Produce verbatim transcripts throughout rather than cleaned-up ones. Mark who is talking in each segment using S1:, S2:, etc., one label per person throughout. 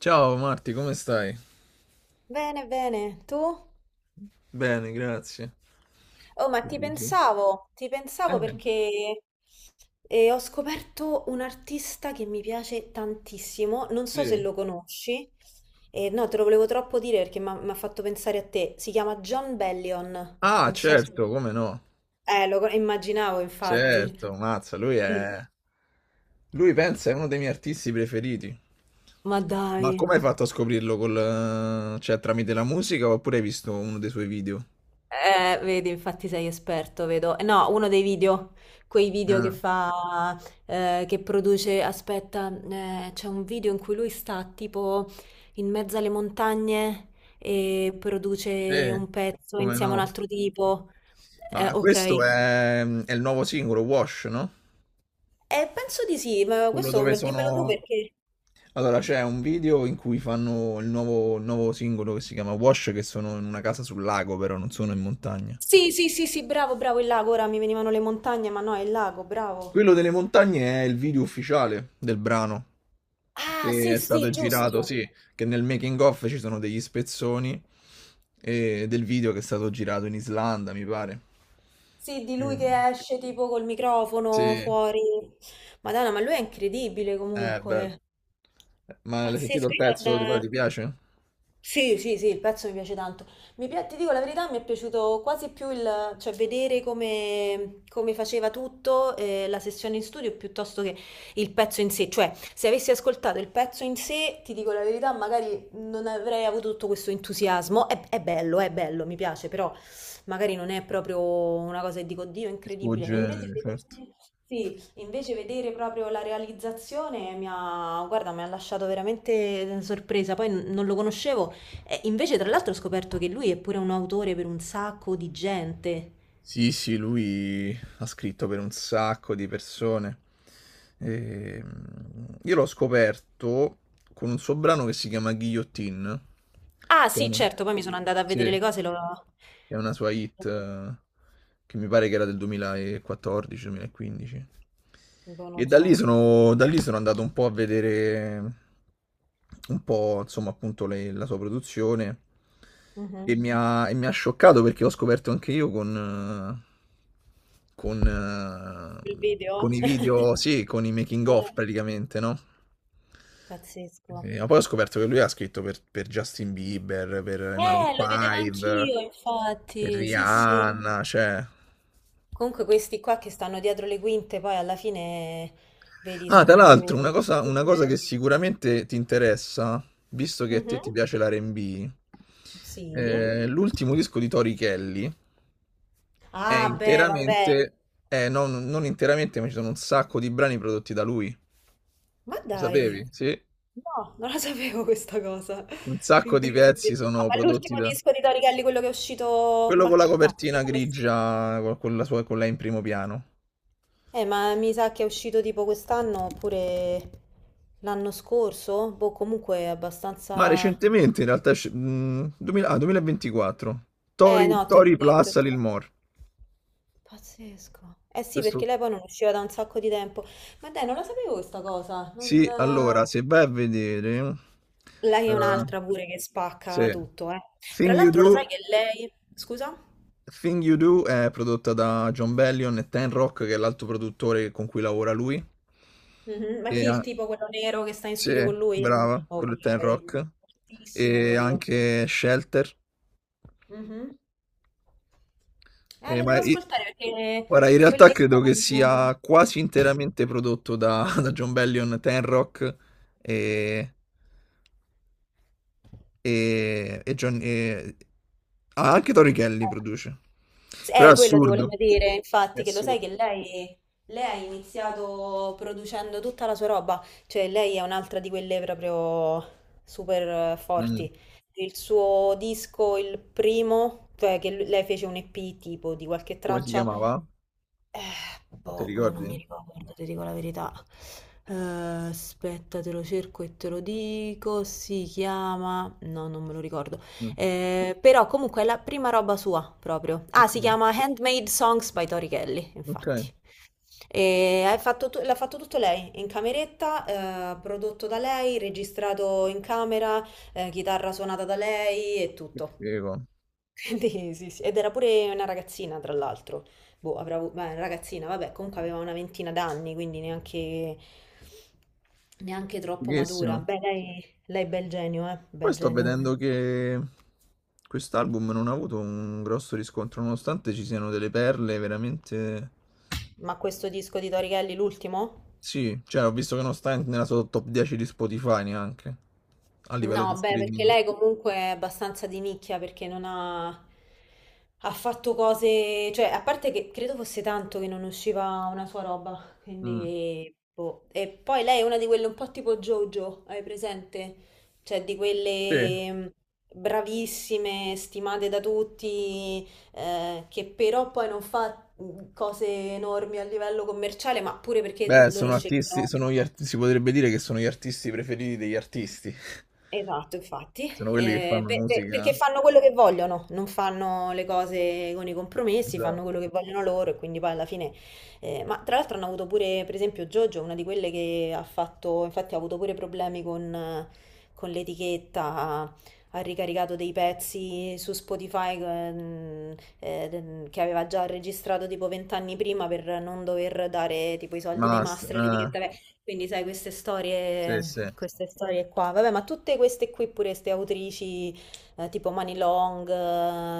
S1: Ciao Marti, come stai?
S2: Bene, bene, tu?
S1: Bene, grazie.
S2: Oh, ma
S1: Che
S2: ti
S1: dici?
S2: pensavo, ti pensavo
S1: Eh,
S2: perché eh, ho scoperto un artista che mi piace tantissimo, non so se
S1: sì.
S2: lo conosci. Eh, no, te lo volevo troppo dire perché mi ha mi ha fatto pensare a te, si chiama John Bellion,
S1: Ah,
S2: non so se...
S1: certo, come no?
S2: Eh, lo co- immaginavo infatti.
S1: Certo, mazza, lui è... Lui pensa è uno dei miei artisti preferiti.
S2: Ma dai.
S1: Ma come hai fatto a scoprirlo col... eh, cioè tramite la musica oppure hai visto uno dei suoi video?
S2: Eh, vedi, infatti sei esperto, vedo. Eh, No, uno dei video, quei video che
S1: Ah,
S2: fa, eh, che produce, aspetta, eh, c'è un video in cui lui sta tipo in mezzo alle montagne e produce
S1: sì,
S2: un pezzo
S1: come
S2: insieme a un
S1: no?
S2: altro tipo. Eh,
S1: Ma
S2: ok.
S1: questo
S2: Eh,
S1: è, è, il nuovo singolo, Wash, no?
S2: penso di sì, ma
S1: Quello
S2: questo
S1: dove
S2: me- dimmelo tu
S1: sono...
S2: perché...
S1: Allora, c'è un video in cui fanno il nuovo, il nuovo singolo che si chiama Wash, che sono in una casa sul lago, però non sono in montagna.
S2: Sì, sì, sì, sì, bravo, bravo, il lago, ora mi venivano le montagne, ma no, è il lago, bravo.
S1: Quello delle montagne è il video ufficiale del brano,
S2: Ah,
S1: che
S2: sì,
S1: è stato
S2: sì,
S1: girato,
S2: giusto.
S1: sì, che nel making of ci sono degli spezzoni eh, del video che è stato girato in Islanda, mi pare.
S2: Sì, di lui
S1: Mm.
S2: che esce tipo col microfono
S1: Sì,
S2: fuori. Madonna, ma lui è incredibile
S1: è bello.
S2: comunque.
S1: Ma l'hai sentito
S2: Pazzesco,
S1: il
S2: io
S1: pezzo? Ti,
S2: non...
S1: ti piace?
S2: Sì, sì, sì, il pezzo mi piace tanto. Mi pi- ti dico la verità, mi è piaciuto quasi più il, cioè, vedere come, come faceva tutto, eh, la sessione in studio, piuttosto che il pezzo in sé. Cioè, se avessi ascoltato il pezzo in sé, ti dico la verità, magari non avrei avuto tutto questo entusiasmo. È, è bello, è bello, mi piace, però magari non è proprio una cosa che dico, Dio, è
S1: Il tuo
S2: incredibile. E invece
S1: genere, certo.
S2: vedere, sì, invece vedere proprio la realizzazione mi ha, guarda, mi ha lasciato veramente sorpresa. Poi n- non lo conoscevo. E invece, tra l'altro, ho scoperto che lui è pure un autore per un sacco di gente.
S1: Sì, sì, lui ha scritto per un sacco di persone. E, mm, io l'ho scoperto con un suo brano che si chiama Guillotine.
S2: Ah, sì,
S1: Chiama-
S2: certo, poi mi sono andata a vedere
S1: Sì.
S2: le cose, lo...
S1: È una sua hit eh, che mi pare che era del duemilaquattordici-duemilaquindici.
S2: boh,
S1: E
S2: non
S1: da lì
S2: so.
S1: sono, da lì sono andato un po' a vedere un po', insomma, appunto le- la sua produzione, e
S2: Mhm.
S1: mi ha, e mi ha scioccato perché ho scoperto anche io con, eh, con,
S2: Il
S1: eh,
S2: video?
S1: con i video, sì, con i making
S2: Eh,
S1: of praticamente, no?
S2: Pazzesco.
S1: Sì, ma poi ho scoperto che lui ha scritto per, per, Justin Bieber, per i Maroon
S2: Eh, lo vedevo
S1: cinque,
S2: anch'io,
S1: per
S2: infatti. Sì, sì.
S1: Rihanna, cioè...
S2: Comunque questi qua che stanno dietro le quinte, poi alla fine, vedi,
S1: Ah,
S2: sono
S1: tra
S2: i più,
S1: l'altro, una cosa,
S2: più
S1: una cosa che
S2: geni.
S1: sicuramente ti interessa, visto che a te
S2: Mhm.
S1: ti piace l'R e B.
S2: Sì.
S1: Eh, l'ultimo disco di Tori Kelly è
S2: Ah, beh, vabbè.
S1: interamente... eh, No, non, non interamente, ma ci sono un sacco di brani prodotti da lui.
S2: Ma
S1: Lo
S2: dai,
S1: sapevi? Sì?
S2: no, non la sapevo questa cosa.
S1: Un sacco di pezzi
S2: Incredibile. Ah,
S1: sono
S2: ma
S1: prodotti
S2: l'ultimo
S1: da...
S2: disco di Tori Kelly, quello che è uscito
S1: Quello con la
S2: qualche... No,
S1: copertina
S2: tipo questo.
S1: grigia, con, con la sua, con lei in primo piano.
S2: Eh, ma mi sa che è uscito tipo quest'anno oppure l'anno scorso? Boh, comunque è
S1: Ma
S2: abbastanza...
S1: recentemente, in realtà, esce- mh, duemila, ah, duemilaventiquattro.
S2: Eh,
S1: Tori,
S2: no, te l'ho
S1: Tori
S2: detto.
S1: Plus Lil Mor.
S2: Pazzesco. Eh sì, perché
S1: Questo...
S2: lei poi non usciva da un sacco di tempo. Ma dai, non la sapevo questa cosa. Non...
S1: Sì, allora,
S2: eh,
S1: se vai a vedere...
S2: lei è
S1: eh,
S2: un'altra pure che spacca
S1: sì.
S2: tutto, eh. Tra
S1: Thing You
S2: l'altro lo sai
S1: Do...
S2: che lei... Scusa?
S1: Thing You Do è prodotta da John Bellion e Ten Rock, che è l'altro produttore con cui lavora lui.
S2: Mhm. Ma
S1: E,
S2: chi è il
S1: ha-
S2: tipo quello nero che sta in
S1: sì,
S2: studio con lui?
S1: brava, quello
S2: Ok.
S1: è Ten Rock.
S2: Fortissimo
S1: E
S2: quello.
S1: anche Shelter.
S2: Mhm. Eh,
S1: Eh,
S2: lo
S1: ma
S2: devo
S1: i-
S2: ascoltare perché
S1: guarda, in
S2: quel
S1: realtà
S2: disco
S1: credo che
S2: non...
S1: sia quasi interamente prodotto da, da John Bellion, Tenrock e, e, e John- e- ah, anche Tori Kelly produce.
S2: S-
S1: Però è
S2: Eh, quello ti volevo
S1: assurdo.
S2: dire,
S1: È
S2: infatti, che lo sai
S1: assurdo.
S2: che lei, lei ha iniziato producendo tutta la sua roba, cioè lei è un'altra di quelle proprio super eh,
S1: Mm.
S2: forti. Il suo disco, il primo, cioè che l- lei fece un E P tipo di qualche
S1: Come si
S2: traccia,
S1: chiamava?
S2: eh,
S1: Non ti
S2: boh, mo non mi
S1: ricordi?
S2: ricordo, ti dico la verità. Eh, aspetta, te lo cerco e te lo dico. Si chiama... No, non me lo ricordo.
S1: Mm.
S2: Eh, però comunque è la prima roba sua, proprio. Ah,
S1: Ok,
S2: si chiama Handmade Songs by Tori Kelly,
S1: ok.
S2: infatti. E hai fatto tu- l'ha fatto tutto lei, in cameretta, eh, prodotto da lei, registrato in camera, eh, chitarra suonata da lei e
S1: Che
S2: tutto.
S1: figo.
S2: Quindi sì, sì. Ed era pure una ragazzina, tra l'altro boh, avrà avuto, beh, ragazzina, vabbè, comunque aveva una ventina d'anni, quindi neanche, neanche troppo matura.
S1: Fighissimo.
S2: Beh, lei, lei bel genio, eh,
S1: Poi
S2: bel
S1: sto
S2: genio.
S1: vedendo che quest'album non ha avuto un grosso riscontro, nonostante ci siano delle perle veramente...
S2: Ma questo disco di Tori Kelly, l'ultimo?
S1: Sì, cioè ho visto che non sta nella sua top dieci di Spotify neanche, a livello di
S2: No, beh, perché
S1: streaming.
S2: lei comunque è abbastanza di nicchia perché non ha, ha fatto cose, cioè, a parte che credo fosse tanto che non usciva una sua roba,
S1: Mm.
S2: quindi boh. E poi lei è una di quelle un po' tipo JoJo, hai presente? Cioè, di
S1: Sì.
S2: quelle mh, bravissime, stimate da tutti, eh, che però poi non fa mh, cose enormi a livello commerciale, ma pure perché
S1: Beh,
S2: loro
S1: sono artisti,
S2: scelgono.
S1: sono gli arti- si potrebbe dire che sono gli artisti preferiti degli artisti,
S2: Esatto, infatti,
S1: sono quelli che
S2: eh,
S1: fanno
S2: per- per- perché
S1: musica,
S2: fanno quello che vogliono, non fanno le cose con i compromessi, fanno quello
S1: esatto.
S2: che vogliono loro e quindi poi alla fine... eh, ma tra l'altro hanno avuto pure, per esempio, Jojo, una di quelle che ha fatto, infatti ha avuto pure problemi con, eh, con l'etichetta, ha, ha ricaricato dei pezzi su Spotify ehm, eh, de- che aveva già registrato tipo vent'anni prima per non dover dare tipo i soldi dei
S1: Master,
S2: master all'etichetta.
S1: eh,
S2: Beh, quindi sai, queste
S1: sì, sì,
S2: storie...
S1: eh,
S2: Queste storie qua, vabbè, ma tutte queste qui pure, queste autrici eh, tipo Mani Long,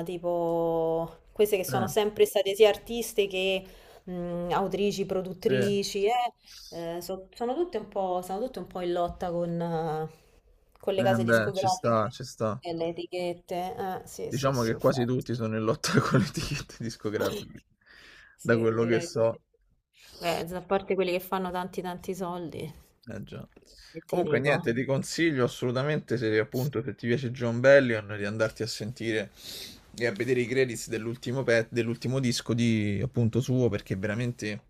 S2: eh, tipo queste che sono sempre state sia artiste che mh, autrici,
S1: sì. Eh,
S2: produttrici, eh, eh, so- sono tutte un po', sono tutte un po' in lotta con, eh, con le case
S1: beh, ci sta,
S2: discografiche
S1: ci sta.
S2: e le etichette. Eh, sì, sì,
S1: Diciamo
S2: sì,
S1: che quasi
S2: infatti.
S1: tutti sono in lotta con le etichette discografiche, da
S2: Sì,
S1: quello che
S2: direi di sì.
S1: so.
S2: Beh, a parte quelli che fanno tanti tanti soldi,
S1: Eh già.
S2: e ti
S1: Comunque
S2: dico.
S1: niente, ti consiglio assolutamente se appunto se ti piace John Bellion di andarti a sentire e a vedere i credits dell'ultimo pe- dell'ultimo disco di appunto suo perché veramente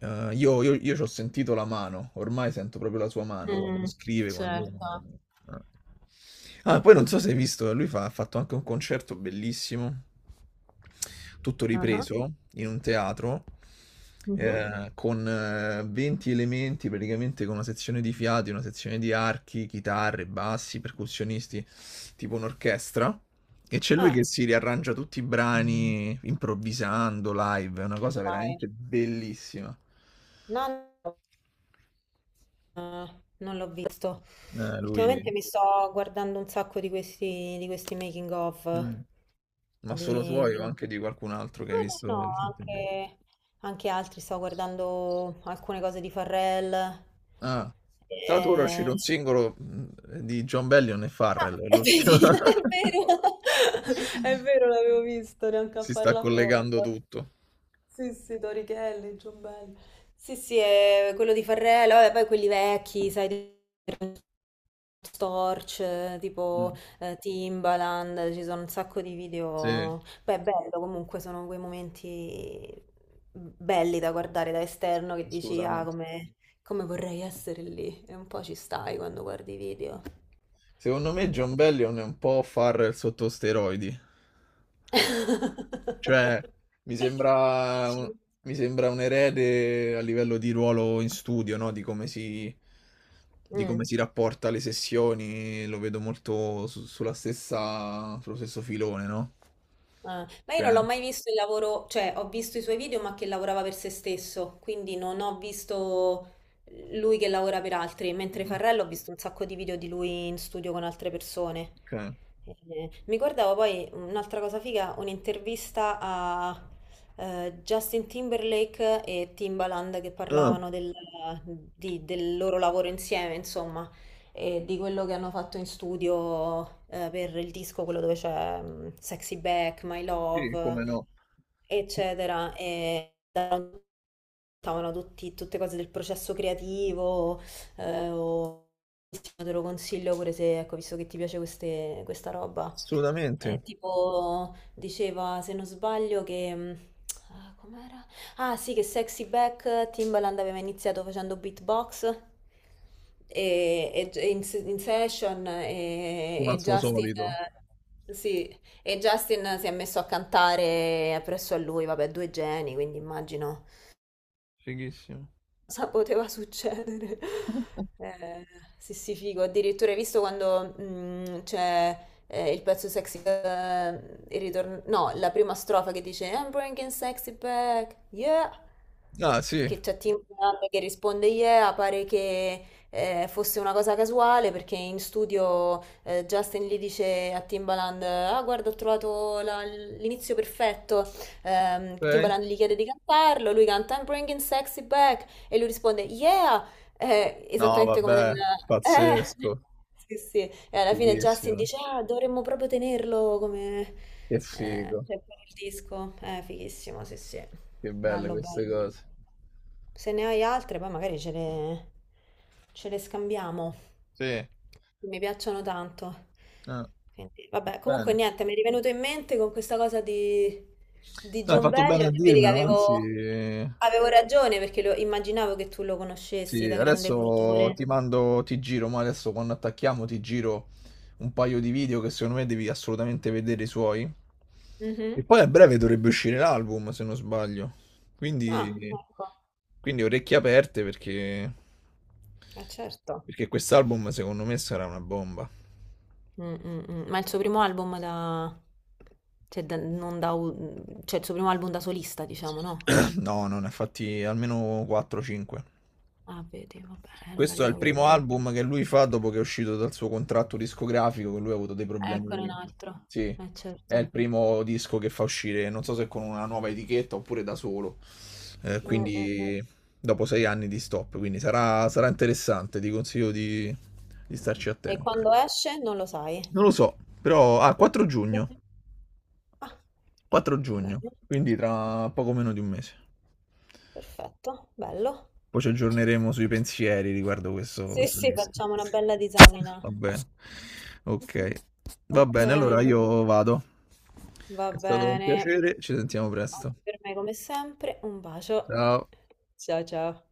S1: eh, io, io, io ci ho sentito la mano, ormai sento proprio la sua mano quando
S2: Mh,
S1: scrive, quando...
S2: certo.
S1: eh. Ah, poi non so se hai visto, lui fa- ha fatto anche un concerto bellissimo, tutto
S2: Ah-ah.
S1: ripreso in un teatro,
S2: Mh-mh.
S1: eh, con eh, venti elementi, praticamente con una sezione di fiati, una sezione di archi, chitarre, bassi, percussionisti, tipo un'orchestra. E c'è lui che
S2: Ah,
S1: si riarrangia tutti i brani improvvisando live, è una cosa
S2: dai.
S1: veramente bellissima.
S2: No, no, non l'ho visto.
S1: Eh,
S2: Ultimamente
S1: lui.
S2: mi sto guardando un sacco di questi di questi making of
S1: Mm. Ma
S2: di
S1: solo suoi
S2: di
S1: o
S2: no,
S1: anche di qualcun altro che hai
S2: no,
S1: visto
S2: no,
S1: recentemente?
S2: anche anche altri. Stavo guardando alcune cose di Farrell.
S1: Ah, tra l'altro ora è
S2: Ehm
S1: uscito un singolo mh, di John Bellion e
S2: ah,
S1: Farrell, è
S2: e
S1: l'ultimo.
S2: vedi, è vero, è vero, l'avevo visto, neanche a
S1: Si sta
S2: farlo
S1: collegando
S2: apposta.
S1: tutto.
S2: Sì, sì, Torichelli, Giombelli. Sì, sì, è quello di Farrell, vabbè, poi quelli vecchi, sai, di Storch, eh, tipo
S1: Mm,
S2: eh, Timbaland, ci sono un sacco di
S1: sì,
S2: video. Beh, è bello comunque, sono quei momenti belli da guardare da
S1: sì,
S2: esterno che dici, ah,
S1: assolutamente.
S2: come, come, vorrei essere lì. E un po' ci stai quando guardi i video.
S1: Secondo me
S2: Però...
S1: John Bellion è un po' Farrell sotto steroidi. Cioè, mi sembra un,
S2: Dici?
S1: mi sembra un erede a livello di ruolo in studio, no? Di come si, di
S2: Mm.
S1: come si rapporta alle sessioni, lo vedo molto su- sulla stessa, sullo stesso filone, no?
S2: Ah, ma io
S1: Cioè,
S2: non l'ho mai visto il lavoro, cioè ho visto i suoi video ma che lavorava per se stesso, quindi non ho visto lui che lavora per altri, mentre
S1: mm,
S2: Farrello ho visto un sacco di video di lui in studio con altre persone.
S1: ok.
S2: Eh, mi guardavo poi un'altra cosa figa, un'intervista a eh, Justin Timberlake e Timbaland che
S1: Ah,
S2: parlavano del, di- del loro lavoro insieme, insomma e di quello che hanno fatto in studio eh, per il disco, quello dove c'è mm, Sexy Back, My
S1: sì,
S2: Love,
S1: come no?
S2: eccetera. E davano tutti- tutte cose del processo creativo, eh, o bellissimo, te lo consiglio pure se, ecco, visto che ti piace queste- questa roba.
S1: Assolutamente,
S2: Eh, tipo, diceva, se non sbaglio, che... mh, ah, com'era? Ah, sì, che Sexy Back Timbaland aveva iniziato facendo beatbox e, e- e in, se- in session e,
S1: come al
S2: e
S1: suo
S2: Justin...
S1: solito.
S2: eh, Sì, e Justin si è messo a cantare presso a lui, vabbè, due geni, quindi immagino
S1: Fighissimo.
S2: cosa poteva succedere? Eh, sì, sì, figo. Addirittura hai visto quando mm, c'è eh, il pezzo sexy, eh, il ritorno, no, la prima strofa che dice I'm bringing sexy back, yeah.
S1: Ah, sì,
S2: Che c'è Tim Dunn che risponde yeah, pare che eh, fosse una cosa casuale perché in studio eh, Justin gli dice a Timbaland, ah guarda ho trovato la- l'inizio perfetto. Ehm,
S1: ok.
S2: Timbaland gli chiede di cantarlo, lui canta I'm bringing sexy back e lui risponde, yeah, eh,
S1: No,
S2: esattamente come nel...
S1: vabbè,
S2: eh,
S1: pazzesco,
S2: sì, sì. E alla fine Justin
S1: fighissimo.
S2: dice, ah, dovremmo proprio tenerlo come...
S1: Che
S2: eh,
S1: figo,
S2: cioè, per il disco. Eh, fighissimo, sì, sì.
S1: che belle
S2: Bello,
S1: queste
S2: bello.
S1: cose.
S2: Se ne hai altre, poi magari ce le, ce le scambiamo.
S1: Sì.
S2: Mi piacciono tanto.
S1: Ah,
S2: Quindi, vabbè,
S1: va
S2: comunque
S1: bene.
S2: niente, mi è rivenuto in mente con questa cosa di, di
S1: No, hai
S2: John
S1: fatto bene a
S2: Bellion, vedi che
S1: dirmelo, anzi,
S2: avevo, avevo ragione perché lo- immaginavo che tu lo conoscessi
S1: sì,
S2: da grande
S1: adesso
S2: cultore.
S1: ti mando, ti giro, ma adesso quando attacchiamo ti giro un paio di video che secondo me devi assolutamente vedere i suoi.
S2: Mhm.
S1: E poi a breve dovrebbe uscire l'album, se non sbaglio.
S2: Ah,
S1: Quindi,
S2: ecco.
S1: quindi orecchie aperte perché,
S2: Eh certo.
S1: perché quest'album secondo me sarà una bomba.
S2: Mm, mm, mm. Ma il suo primo album da... Cioè, da- non da... u- cioè, il suo primo album da solista, diciamo, no?
S1: No, non ne ha fatti almeno quattro cinque.
S2: Ah, vedi, vabbè, allora
S1: Questo
S2: li
S1: è il
S2: devo
S1: primo
S2: recuperare.
S1: album che lui fa dopo che è uscito dal suo contratto discografico, che lui ha avuto dei
S2: Eccone un
S1: problemi.
S2: altro.
S1: Sì,
S2: Eh
S1: è il
S2: certo.
S1: primo disco che fa uscire, non so se con una nuova etichetta oppure da solo. Eh,
S2: Mm, mm, mm.
S1: quindi dopo sei anni di stop, quindi sarà, sarà, interessante, ti consiglio di, di starci
S2: E
S1: attento.
S2: quando esce non lo sai?
S1: Non lo so, però... Ah, quattro giugno.
S2: Ah,
S1: quattro giugno,
S2: bene.
S1: quindi tra poco meno di un mese.
S2: Perfetto, bello.
S1: Poi ci aggiorneremo sui pensieri riguardo questo,
S2: Sì,
S1: questo
S2: sì,
S1: disco.
S2: facciamo una bella disamina.
S1: Va bene. Ok. Va
S2: Ok,
S1: bene, allora io vado.
S2: va
S1: È stato un
S2: bene.
S1: piacere, ci sentiamo
S2: Anche
S1: presto.
S2: per me, come sempre, un bacio.
S1: Ciao.
S2: Ciao, ciao.